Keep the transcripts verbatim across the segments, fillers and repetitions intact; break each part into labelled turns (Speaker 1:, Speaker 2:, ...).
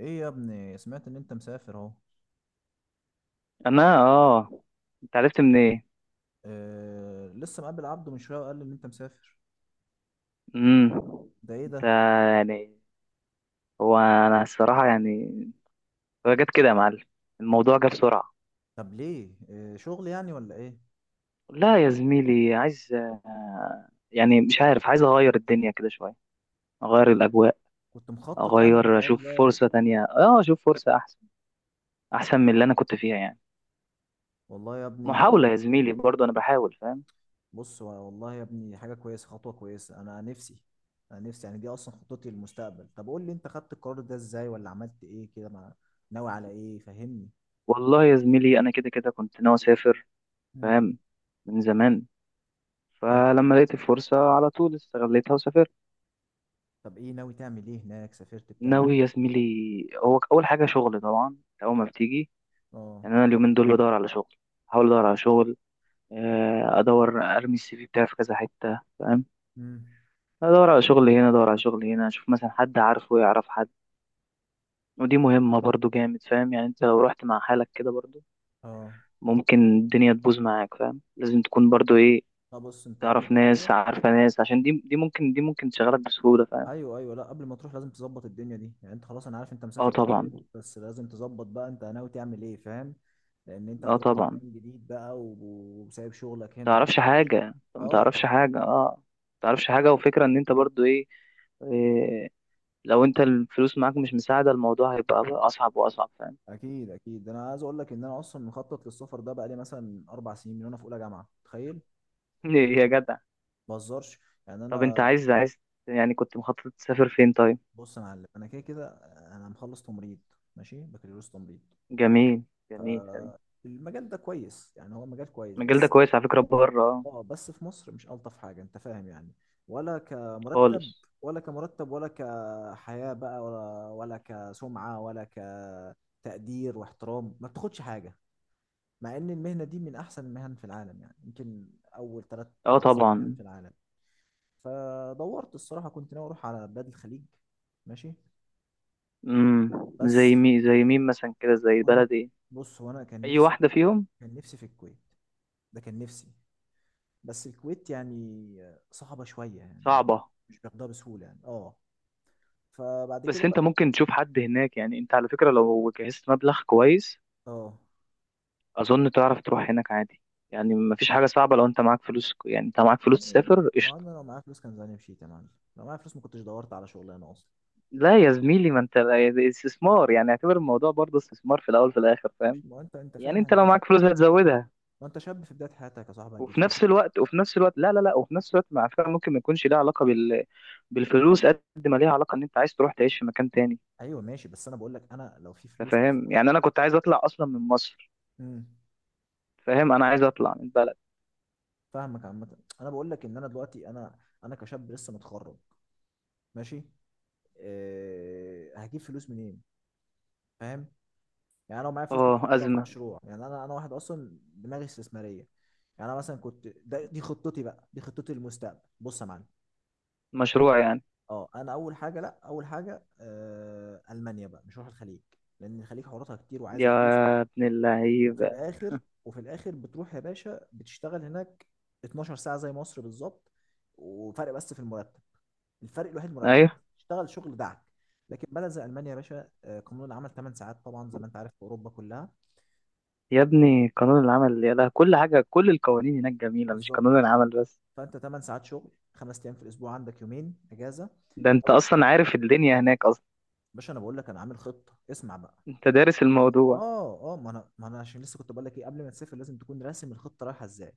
Speaker 1: ايه يا ابني، سمعت ان انت مسافر اهو.
Speaker 2: انا، اه. انت عرفت منين إيه؟
Speaker 1: آه، لسه مقابل عبده من شويه وقال لي ان انت مسافر.
Speaker 2: امم.
Speaker 1: ده ايه
Speaker 2: انت
Speaker 1: ده؟
Speaker 2: يعني، هو انا الصراحه، يعني هو جت كده يا معلم. الموضوع جه بسرعه.
Speaker 1: طب ليه؟ آه، شغل يعني ولا ايه؟
Speaker 2: لا يا زميلي، عايز آه، يعني مش عارف، عايز اغير الدنيا كده شويه، اغير الاجواء،
Speaker 1: كنت مخطط يعني
Speaker 2: اغير
Speaker 1: الحوار
Speaker 2: اشوف
Speaker 1: ده؟
Speaker 2: فرصه تانية، اه اشوف فرصه احسن، احسن من اللي انا كنت فيها يعني.
Speaker 1: والله يا ابني،
Speaker 2: محاوله يا زميلي، برضه انا بحاول، فاهم.
Speaker 1: بص والله يا ابني، حاجه كويسه، خطوه كويسه. انا نفسي، انا نفسي، يعني دي اصلا خطتي للمستقبل. طب قول لي، انت خدت القرار ده ازاي، ولا عملت ايه كده مع، ناوي على ايه؟ فهمني.
Speaker 2: والله يا زميلي، انا كده كده كنت ناوي اسافر،
Speaker 1: امم
Speaker 2: فاهم، من زمان،
Speaker 1: حلو.
Speaker 2: فلما لقيت الفرصه على طول استغليتها وسافرت.
Speaker 1: طب ايه ناوي تعمل ايه هناك؟ سافرت بتعمل
Speaker 2: ناوي يا
Speaker 1: ايه؟
Speaker 2: زميلي، هو اول حاجه شغل طبعا، اول ما بتيجي.
Speaker 1: اه.
Speaker 2: يعني انا اليومين دول بدور على شغل، احاول ادور على شغل، آه، ادور ارمي السي في بتاعي في كذا حته، فاهم.
Speaker 1: امم.
Speaker 2: ادور على شغل هنا، ادور على شغل هنا، اشوف مثلا حد عارفه يعرف حد. ودي مهمه برضو جامد، فاهم. يعني انت لو رحت مع حالك كده برضو،
Speaker 1: اه،
Speaker 2: ممكن الدنيا تبوظ معاك، فاهم. لازم تكون برضو ايه،
Speaker 1: طب بص، انت قبل
Speaker 2: تعرف
Speaker 1: ما تروح.
Speaker 2: ناس عارفه ناس، عشان دي دي ممكن دي ممكن تشغلك بسهوله، فاهم.
Speaker 1: ايوه ايوه، لا قبل ما تروح لازم تظبط الدنيا دي، يعني انت خلاص، انا عارف انت
Speaker 2: اه
Speaker 1: مسافر
Speaker 2: طبعا.
Speaker 1: قريب، بس لازم تظبط بقى انت ناوي تعمل ايه، فاهم؟ لان انت
Speaker 2: اه
Speaker 1: هتروح
Speaker 2: طبعا.
Speaker 1: مكان جديد بقى، و- وسايب شغلك هنا واكل
Speaker 2: تعرفش
Speaker 1: عيشك.
Speaker 2: حاجة انت ما
Speaker 1: اه،
Speaker 2: تعرفش حاجة، اه. ما تعرفش حاجة، وفكرة ان انت برضو ايه, إيه لو انت الفلوس معاك مش مساعدة، الموضوع هيبقى اصعب واصعب، فاهم.
Speaker 1: اكيد اكيد، انا عايز اقول لك ان انا اصلا مخطط للسفر ده، بقى لي مثلا اربع سنين من وانا في اولى جامعه، تخيل.
Speaker 2: يا جدع.
Speaker 1: ما بهزرش، يعني
Speaker 2: طب انت
Speaker 1: انا،
Speaker 2: عايز عايز، يعني كنت مخطط تسافر فين، طيب.
Speaker 1: بص يا معلم، انا كده كده انا مخلص تمريض، ماشي، بكالوريوس تمريض.
Speaker 2: جميل. جميل، حلو.
Speaker 1: المجال ده كويس، يعني هو مجال كويس،
Speaker 2: المجال ده
Speaker 1: بس
Speaker 2: كويس على فكرة، بره آه،
Speaker 1: اه، بس في مصر مش ألطف حاجة، انت فاهم يعني، ولا
Speaker 2: خالص.
Speaker 1: كمرتب، ولا كمرتب ولا كحياة بقى، ولا ولا كسمعة ولا كتقدير واحترام، ما بتاخدش حاجة، مع ان المهنة دي من احسن المهن في العالم، يعني يمكن اول ثلاث
Speaker 2: اه
Speaker 1: احسن مهن
Speaker 2: طبعا.
Speaker 1: في العالم. فدورت، الصراحة كنت ناوي اروح على بلاد الخليج، ماشي،
Speaker 2: امم. زي
Speaker 1: بس
Speaker 2: مين، زي مين مثلا كده، زي
Speaker 1: كنت،
Speaker 2: بلد ايه.
Speaker 1: بص هو انا كان
Speaker 2: اي
Speaker 1: نفسي،
Speaker 2: واحدة فيهم.
Speaker 1: كان نفسي في الكويت، ده كان نفسي، بس الكويت يعني صعبة شوية، يعني مش
Speaker 2: صعبة.
Speaker 1: مش بياخدها بسهولة، يعني اه. فبعد
Speaker 2: بس
Speaker 1: كده
Speaker 2: انت
Speaker 1: بقى،
Speaker 2: ممكن تشوف حد هناك، يعني انت على فكرة لو جهزت مبلغ كويس،
Speaker 1: اه،
Speaker 2: اظن تعرف تروح هناك عادي. يعني مفيش حاجه صعبه، لو انت معاك فلوس، يعني انت معاك فلوس تسافر
Speaker 1: ما
Speaker 2: قشطه.
Speaker 1: انا لو معايا فلوس كان زماني مشيت يا معلم، لو معايا فلوس ما كنتش دورت على شغلانه اصلا.
Speaker 2: لا يا زميلي، ما انت ده استثمار، يعني اعتبر الموضوع برضه استثمار، في الاول في الاخر، فاهم.
Speaker 1: مش، ما هو انت انت فاهم،
Speaker 2: يعني انت
Speaker 1: انت
Speaker 2: لو
Speaker 1: شاب،
Speaker 2: معاك فلوس هتزودها.
Speaker 1: ما انت شاب في بدايه حياتك يا صاحبي، هتجيب
Speaker 2: وفي
Speaker 1: فلوس
Speaker 2: نفس
Speaker 1: منين؟
Speaker 2: الوقت، وفي نفس الوقت لا لا لا، وفي نفس الوقت مع فكره، ممكن ما يكونش ليها علاقه بال... بالفلوس، قد ما ليها علاقه ان انت عايز تروح تعيش في مكان تاني.
Speaker 1: ايوه ماشي، بس انا بقول لك انا لو في
Speaker 2: انت
Speaker 1: فلوس اصلا.
Speaker 2: فاهم، يعني انا كنت عايز اطلع اصلا من مصر،
Speaker 1: امم،
Speaker 2: فاهم، انا عايز اطلع من البلد.
Speaker 1: فاهمك. عامه انا بقول لك ان انا دلوقتي، انا انا كشاب لسه متخرج، ماشي، أه، هجيب فلوس منين؟ فاهم؟ يعني انا لو معايا فلوس كنت
Speaker 2: اه،
Speaker 1: حطيتها في
Speaker 2: ازمه.
Speaker 1: مشروع، يعني انا انا واحد اصلا دماغي استثماريه. يعني انا مثلا كنت، ده دي خطتي بقى، دي خطتي للمستقبل. بص يا معلم،
Speaker 2: مشروع يعني.
Speaker 1: اه، انا اول حاجه، لا اول حاجه، آه، المانيا بقى، مش هروح الخليج، لان الخليج حواراتها كتير وعايزه
Speaker 2: يا
Speaker 1: فلوس.
Speaker 2: ابن
Speaker 1: وفي
Speaker 2: اللعيبه.
Speaker 1: الاخر، وفي الاخر بتروح يا باشا بتشتغل هناك اتناشر ساعه زي مصر بالظبط، وفرق بس في المرتب، الفرق الوحيد مرتب.
Speaker 2: ايوه.
Speaker 1: تشتغل شغل دعك، لكن بلد زي المانيا يا باشا، آه، قانون العمل تمن ساعات طبعا، زي ما انت عارف في اوروبا كلها.
Speaker 2: يا ابني، قانون العمل يا ده كل حاجة، كل القوانين هناك جميلة، مش
Speaker 1: بالظبط،
Speaker 2: قانون العمل بس.
Speaker 1: فانت ثمانية ساعات شغل، خمس ايام في الاسبوع، عندك يومين اجازه.
Speaker 2: ده انت
Speaker 1: لو اشت-
Speaker 2: اصلا عارف الدنيا هناك اصلا.
Speaker 1: باشا انا بقول لك، انا عامل خطه، اسمع بقى.
Speaker 2: انت دارس الموضوع.
Speaker 1: اه اه، ما انا ما انا عشان لسه كنت بقول لك ايه، قبل ما تسافر لازم تكون راسم الخطه رايحه ازاي.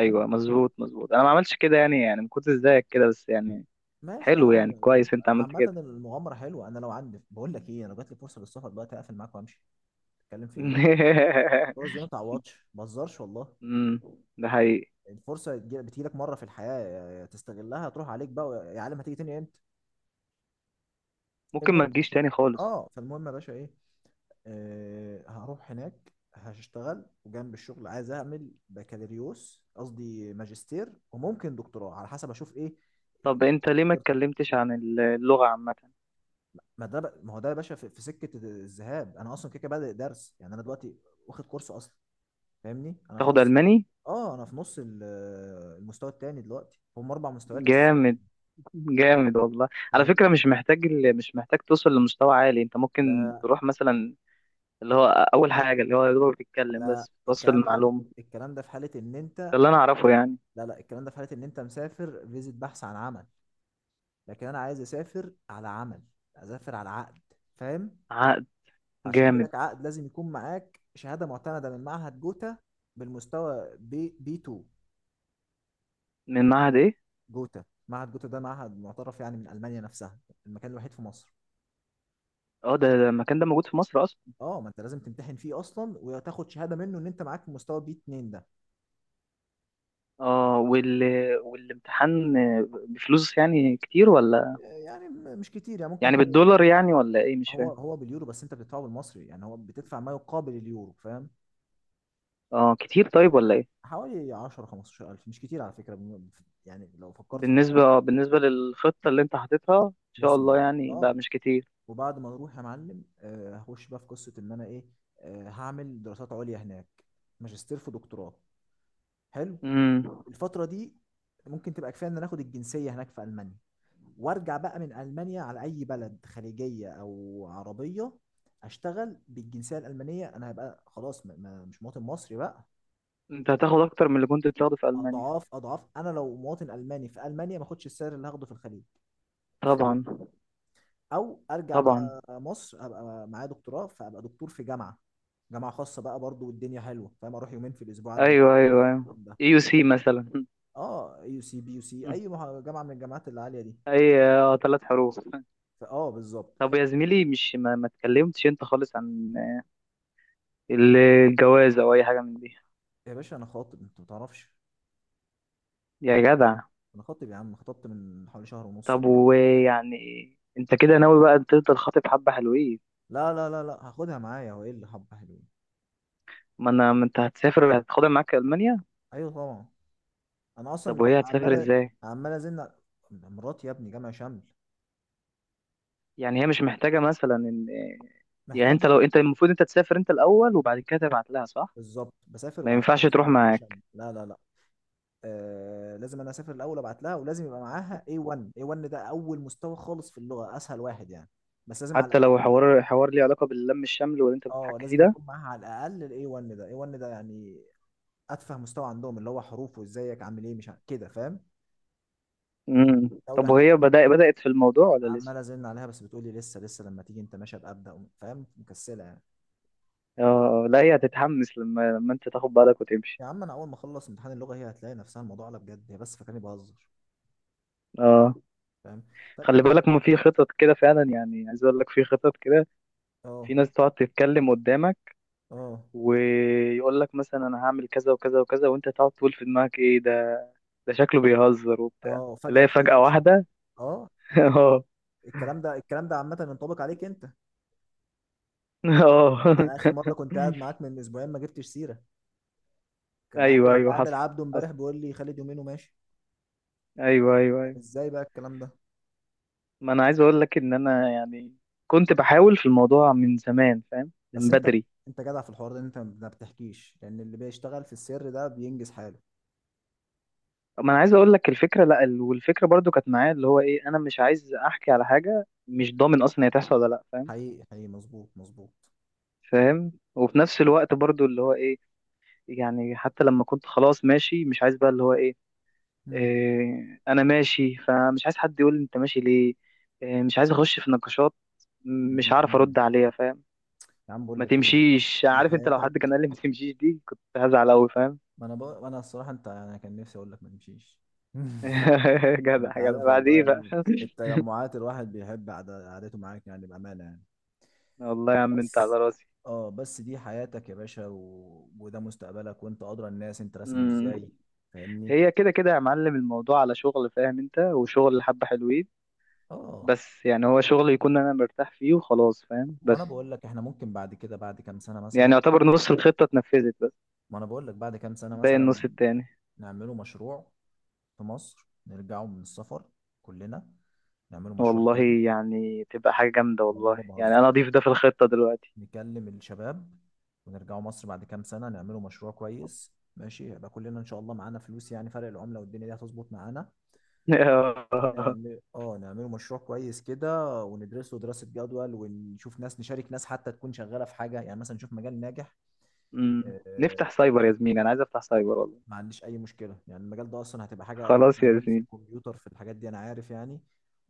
Speaker 1: حلو،
Speaker 2: مظبوط مظبوط، انا ما عملتش كده، يعني يعني ما كنتش زيك كده بس، يعني.
Speaker 1: ماشي يا
Speaker 2: حلو
Speaker 1: عم.
Speaker 2: يعني، كويس انت عملت
Speaker 1: عامه
Speaker 2: كده.
Speaker 1: المغامره حلوه، انا لو عندي، بقول لك ايه، انا لو جات لي فرصه للسفر دلوقتي اقفل معاك وامشي، تتكلم في ايه؟ فرص دي ما تعوضش، بهزرش والله.
Speaker 2: امم. ده حقيقي.
Speaker 1: الفرصه بتجي- بتجيلك مره في الحياه، يا- يا تستغلها، تروح عليك بقى يا عالم، هتيجي تاني امتى؟
Speaker 2: ممكن ما
Speaker 1: المهم،
Speaker 2: تجيش تاني خالص.
Speaker 1: اه، فالمهم يا باشا ايه، آه، هروح هناك هشتغل، وجنب الشغل عايز اعمل بكالوريوس، قصدي ماجستير، وممكن دكتوراه على حسب اشوف ايه.
Speaker 2: طب انت ليه ما اتكلمتش عن اللغة عامة.
Speaker 1: ما ده ب- ما هو ده يا باشا في، في سكه الذهاب انا اصلا كده كده بادئ درس، يعني انا دلوقتي واخد كورس اصلا، فاهمني، انا في
Speaker 2: تاخد
Speaker 1: نص،
Speaker 2: الماني.
Speaker 1: اه انا في نص ال- المستوى التاني دلوقتي، هم اربع مستويات اساسيين،
Speaker 2: جامد، جامد والله. على
Speaker 1: فاهمني.
Speaker 2: فكرة، مش محتاج ال- مش محتاج توصل لمستوى عالي، انت ممكن
Speaker 1: لا
Speaker 2: تروح مثلا اللي هو اول حاجه، اللي هو يا دوبك بتتكلم
Speaker 1: لا،
Speaker 2: بس بتوصل
Speaker 1: الكلام ده،
Speaker 2: المعلومه،
Speaker 1: الكلام ده في حاله ان
Speaker 2: ده
Speaker 1: انت
Speaker 2: اللي انا اعرفه يعني.
Speaker 1: لا لا، الكلام ده في حاله ان انت مسافر فيزيت، بحث عن عمل. لكن انا عايز اسافر على عمل، اسافر على عقد، فاهم؟
Speaker 2: عقد.
Speaker 1: فعشان يجي
Speaker 2: جامد.
Speaker 1: لك عقد لازم يكون معاك شهاده معتمده من معهد جوتا بالمستوى بي بي اتنين.
Speaker 2: من معهد ايه.
Speaker 1: جوتا، معهد جوتا ده معهد معترف يعني من المانيا نفسها، المكان الوحيد في مصر.
Speaker 2: اه، ده ده المكان ده موجود في مصر اصلا.
Speaker 1: اه، ما انت لازم تمتحن فيه اصلا وتاخد شهاده منه ان انت معاك مستوى بي اتنين ده.
Speaker 2: اه، وال... والامتحان بفلوس يعني كتير ولا؟
Speaker 1: يعني م- مش كتير يعني، ممكن
Speaker 2: يعني
Speaker 1: حوالي،
Speaker 2: بالدولار يعني ولا ايه، مش
Speaker 1: هو
Speaker 2: فاهم.
Speaker 1: هو باليورو، بس انت بتدفعه بالمصري، يعني هو بتدفع ما يقابل اليورو، فاهم؟
Speaker 2: اه كتير، طيب ولا ايه.
Speaker 1: حوالي عشرة خمسة عشر الف، مش كتير على فكره. بم- يعني لو فكرت في الموضوع،
Speaker 2: بالنسبه اه بالنسبه للخطه اللي انت حاططها ان شاء
Speaker 1: بص يا
Speaker 2: الله
Speaker 1: معلم.
Speaker 2: يعني، لا
Speaker 1: اه،
Speaker 2: مش كتير.
Speaker 1: وبعد ما اروح يا معلم، آه، هخش بقى في قصه ان انا ايه، آه، هعمل دراسات عليا هناك، ماجستير في دكتوراه، حلو.
Speaker 2: امم.
Speaker 1: الفتره دي ممكن تبقى كفايه ان أنا اخد الجنسيه هناك في المانيا، وارجع بقى من المانيا على اي بلد خليجيه او عربيه، اشتغل بالجنسيه الالمانيه، انا هبقى خلاص ما- ما- مش مواطن مصري بقى.
Speaker 2: انت هتاخد اكتر من اللي كنت بتاخده في المانيا.
Speaker 1: اضعاف اضعاف، انا لو مواطن الماني في المانيا ما اخدش السعر اللي هاخده في الخليج.
Speaker 2: طبعا.
Speaker 1: او ارجع
Speaker 2: طبعا.
Speaker 1: بقى مصر، ابقى معايا دكتوراه، فابقى دكتور في جامعه، جامعه خاصه بقى برضو، والدنيا حلوه، فاهم؟ اروح يومين في الاسبوع اقدم
Speaker 2: ايوه
Speaker 1: محاضرات
Speaker 2: ايوه ايوه،
Speaker 1: والكلام ده.
Speaker 2: اي يو سي مثلا.
Speaker 1: اه، يو سي بي، يو سي اي، مح- جامعه من الجامعات العاليه دي.
Speaker 2: اي، اه ثلاث حروف.
Speaker 1: فاه، بالظبط.
Speaker 2: طب يا زميلي، مش ما, ما اتكلمتش انت خالص عن ال- الجواز او اي حاجه من دي.
Speaker 1: يا باشا، انا خاطب، انت ما تعرفش،
Speaker 2: يا جدع.
Speaker 1: انا خاطب يا عم، خطبت من حوالي شهر ونص
Speaker 2: طب
Speaker 1: كده.
Speaker 2: ويعني، انت كده ناوي بقى تفضل خاطب حبه حلوين.
Speaker 1: لا لا لا لا، هاخدها معايا، هو ايه اللي حبه حلوين؟
Speaker 2: ما انا ما انت هتسافر هتاخدها معاك المانيا.
Speaker 1: ايوه طبعا، انا
Speaker 2: طب
Speaker 1: اصلا
Speaker 2: وهي هتسافر
Speaker 1: عمال،
Speaker 2: ازاي.
Speaker 1: عمال ازن على- مراتي يا ابني، جامعه شمل.
Speaker 2: يعني هي مش محتاجه مثلا ان. يعني انت
Speaker 1: محتاجه،
Speaker 2: لو انت المفروض انت تسافر انت الاول، وبعد كده تبعت لها، صح.
Speaker 1: بالظبط، بسافر
Speaker 2: ما
Speaker 1: وبعمل حاجه
Speaker 2: ينفعش تروح
Speaker 1: اسمها لم
Speaker 2: معاك.
Speaker 1: شمل. لا لا لا، آه، لازم انا اسافر الاول ابعت لها، ولازم يبقى معاها اي وان. اي وان ده اول مستوى خالص في اللغه، اسهل واحد يعني، بس لازم على
Speaker 2: حتى لو
Speaker 1: الاقل،
Speaker 2: حوار، حوار ليه علاقه باللم الشمل واللي انت
Speaker 1: اه
Speaker 2: بتحكي فيه
Speaker 1: لازم
Speaker 2: ده.
Speaker 1: يكون معاها على الاقل ال اي وان ده. اي وان ده يعني اتفه مستوى عندهم، اللي هو حروف وازيك عامل ايه مش ع- كده، فاهم؟
Speaker 2: امم،
Speaker 1: الدوله
Speaker 2: طب
Speaker 1: هناك،
Speaker 2: وهي بدأ بدأت في الموضوع ولا لسه؟
Speaker 1: عمال ازن عليها بس بتقولي لسه لسه، لما تيجي انت ماشي ابقى ابدا، فاهم؟ مكسله يعني.
Speaker 2: اه لا، هي هتتحمس لما لما انت تاخد بالك وتمشي.
Speaker 1: يا عم انا اول ما اخلص امتحان اللغه، هي هتلاقي نفسها الموضوع على بجد، هي بس فاكراني بهزر،
Speaker 2: اه،
Speaker 1: فاهم؟ طب،
Speaker 2: خلي بالك، ما في خطط كده فعلا، يعني عايز اقول لك في خطط كده.
Speaker 1: اه
Speaker 2: في ناس تقعد تتكلم قدامك،
Speaker 1: اه
Speaker 2: ويقول لك مثلا انا هعمل كذا وكذا وكذا، وانت تقعد تقول في دماغك ايه ده، ده شكله بيهزر وبتاع.
Speaker 1: اه، فجاه
Speaker 2: تلاقي
Speaker 1: تلاقيه
Speaker 2: فجأة
Speaker 1: مشي.
Speaker 2: واحدة.
Speaker 1: اه،
Speaker 2: اه.
Speaker 1: الكلام ده، الكلام ده عامه ينطبق عليك انت.
Speaker 2: اه.
Speaker 1: انا اخر مره كنت قاعد معاك من اسبوعين ما جبتش سيره، كان
Speaker 2: ايوه
Speaker 1: مقابل،
Speaker 2: ايوه،
Speaker 1: مقابل
Speaker 2: حصل.
Speaker 1: عبده امبارح
Speaker 2: حصل.
Speaker 1: بيقول لي خالد يومين وماشي.
Speaker 2: ايوه ايوه
Speaker 1: طب
Speaker 2: ايوه.
Speaker 1: ازاي بقى الكلام ده؟
Speaker 2: ما انا عايز اقول لك ان انا يعني كنت بحاول في الموضوع من زمان، فاهم، من
Speaker 1: بس انت،
Speaker 2: بدري.
Speaker 1: انت جدع في الحوار ده، انت ما بتحكيش، لان اللي بيشتغل في السر ده بينجز حاله.
Speaker 2: ما انا عايز اقول لك الفكره، لا ال- والفكره برضو كانت معايا، اللي هو ايه، انا مش عايز احكي على حاجه مش ضامن اصلا هي تحصل ولا لا، فاهم.
Speaker 1: حقيقي حقيقي، مظبوط مظبوط.
Speaker 2: فاهم، وفي نفس الوقت برضو اللي هو ايه، يعني حتى لما كنت خلاص ماشي، مش عايز بقى اللي هو ايه,
Speaker 1: مم.
Speaker 2: إيه، انا ماشي فمش عايز حد يقول لي انت ماشي ليه، إيه، مش عايز اخش في نقاشات، م- مش عارف
Speaker 1: مم.
Speaker 2: ارد عليها، فاهم.
Speaker 1: يا عم بقول
Speaker 2: ما
Speaker 1: لك ايه،
Speaker 2: تمشيش،
Speaker 1: دي
Speaker 2: عارف، انت لو
Speaker 1: حياتك.
Speaker 2: حد كان قال لي ما تمشيش دي كنت هزعل قوي، فاهم.
Speaker 1: ما انا بقى، انا الصراحه انت، انا كان نفسي اقول لك ما نمشيش.
Speaker 2: جدع
Speaker 1: انت
Speaker 2: جدع،
Speaker 1: عارف
Speaker 2: بعد
Speaker 1: والله
Speaker 2: ايه بقى
Speaker 1: يعني، في التجمعات الواحد بيحب قعد- قعدته معاك، يعني بأمانة يعني.
Speaker 2: والله يا عم، انت على
Speaker 1: بس
Speaker 2: راسي.
Speaker 1: اه، بس دي حياتك يا باشا، و، وده مستقبلك، وانت ادرى الناس انت راسمه
Speaker 2: مم.
Speaker 1: ازاي. فاهمني.
Speaker 2: هي كده كده يا معلم، الموضوع على شغل، فاهم، انت وشغل حبة حلوين،
Speaker 1: اه،
Speaker 2: بس يعني هو شغل يكون انا مرتاح فيه وخلاص، فاهم،
Speaker 1: وانا مم.
Speaker 2: بس.
Speaker 1: بقول لك احنا ممكن بعد كده، بعد كام سنه
Speaker 2: يعني
Speaker 1: مثلا،
Speaker 2: يعتبر نص الخطة اتنفذت بس،
Speaker 1: ما انا بقول لك بعد كام سنه
Speaker 2: باقي
Speaker 1: مثلا
Speaker 2: النص التاني.
Speaker 1: نعمله مشروع في مصر، نرجعوا من السفر كلنا، نعملوا مشروع
Speaker 2: والله
Speaker 1: حلو.
Speaker 2: يعني تبقى حاجة جامدة،
Speaker 1: والله
Speaker 2: والله
Speaker 1: ما
Speaker 2: يعني
Speaker 1: بهزر،
Speaker 2: انا اضيف ده في الخطة دلوقتي.
Speaker 1: نكلم الشباب، ونرجعوا مصر بعد كام سنة نعملوا مشروع كويس، ماشي، يبقى كلنا إن شاء الله معانا فلوس، يعني فرق العملة والدنيا دي هتظبط معانا. نعمل اه، نعملوا مشروع كويس كده، وندرسه دراسة جدول، ونشوف ناس، نشارك ناس حتى، تكون شغالة في حاجة يعني، مثلا نشوف مجال ناجح.
Speaker 2: أمم.
Speaker 1: آه،
Speaker 2: نفتح سايبر يا زميلي، انا عايز افتح سايبر والله.
Speaker 1: ما عنديش اي مشكله، يعني المجال ده اصلا هتبقى حاجه انتوا
Speaker 2: خلاص يا
Speaker 1: فاهمين في
Speaker 2: زميلي،
Speaker 1: الكمبيوتر في الحاجات دي، انا عارف يعني.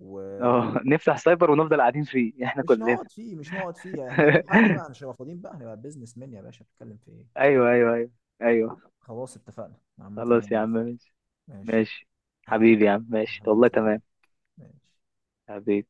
Speaker 1: و،
Speaker 2: اه نفتح سايبر ونفضل قاعدين فيه احنا
Speaker 1: مش
Speaker 2: كلنا.
Speaker 1: نقعد فيه مش نقعد فيه، احنا هنجيب حد بقى، مش هنبقى فاضيين بقى، هنبقى بيزنس مان يا باشا، بتتكلم في ايه؟
Speaker 2: ايوه ايوه ايوه. ايوه.
Speaker 1: خلاص اتفقنا، عامة انا
Speaker 2: خلاص يا عم،
Speaker 1: موافق.
Speaker 2: ماشي.
Speaker 1: ماشي.
Speaker 2: ماشي.
Speaker 1: اهلا،
Speaker 2: حبيبي يا عم، ماشي
Speaker 1: اهلا
Speaker 2: والله،
Speaker 1: وسهلا.
Speaker 2: تمام.
Speaker 1: ماشي.
Speaker 2: أبي.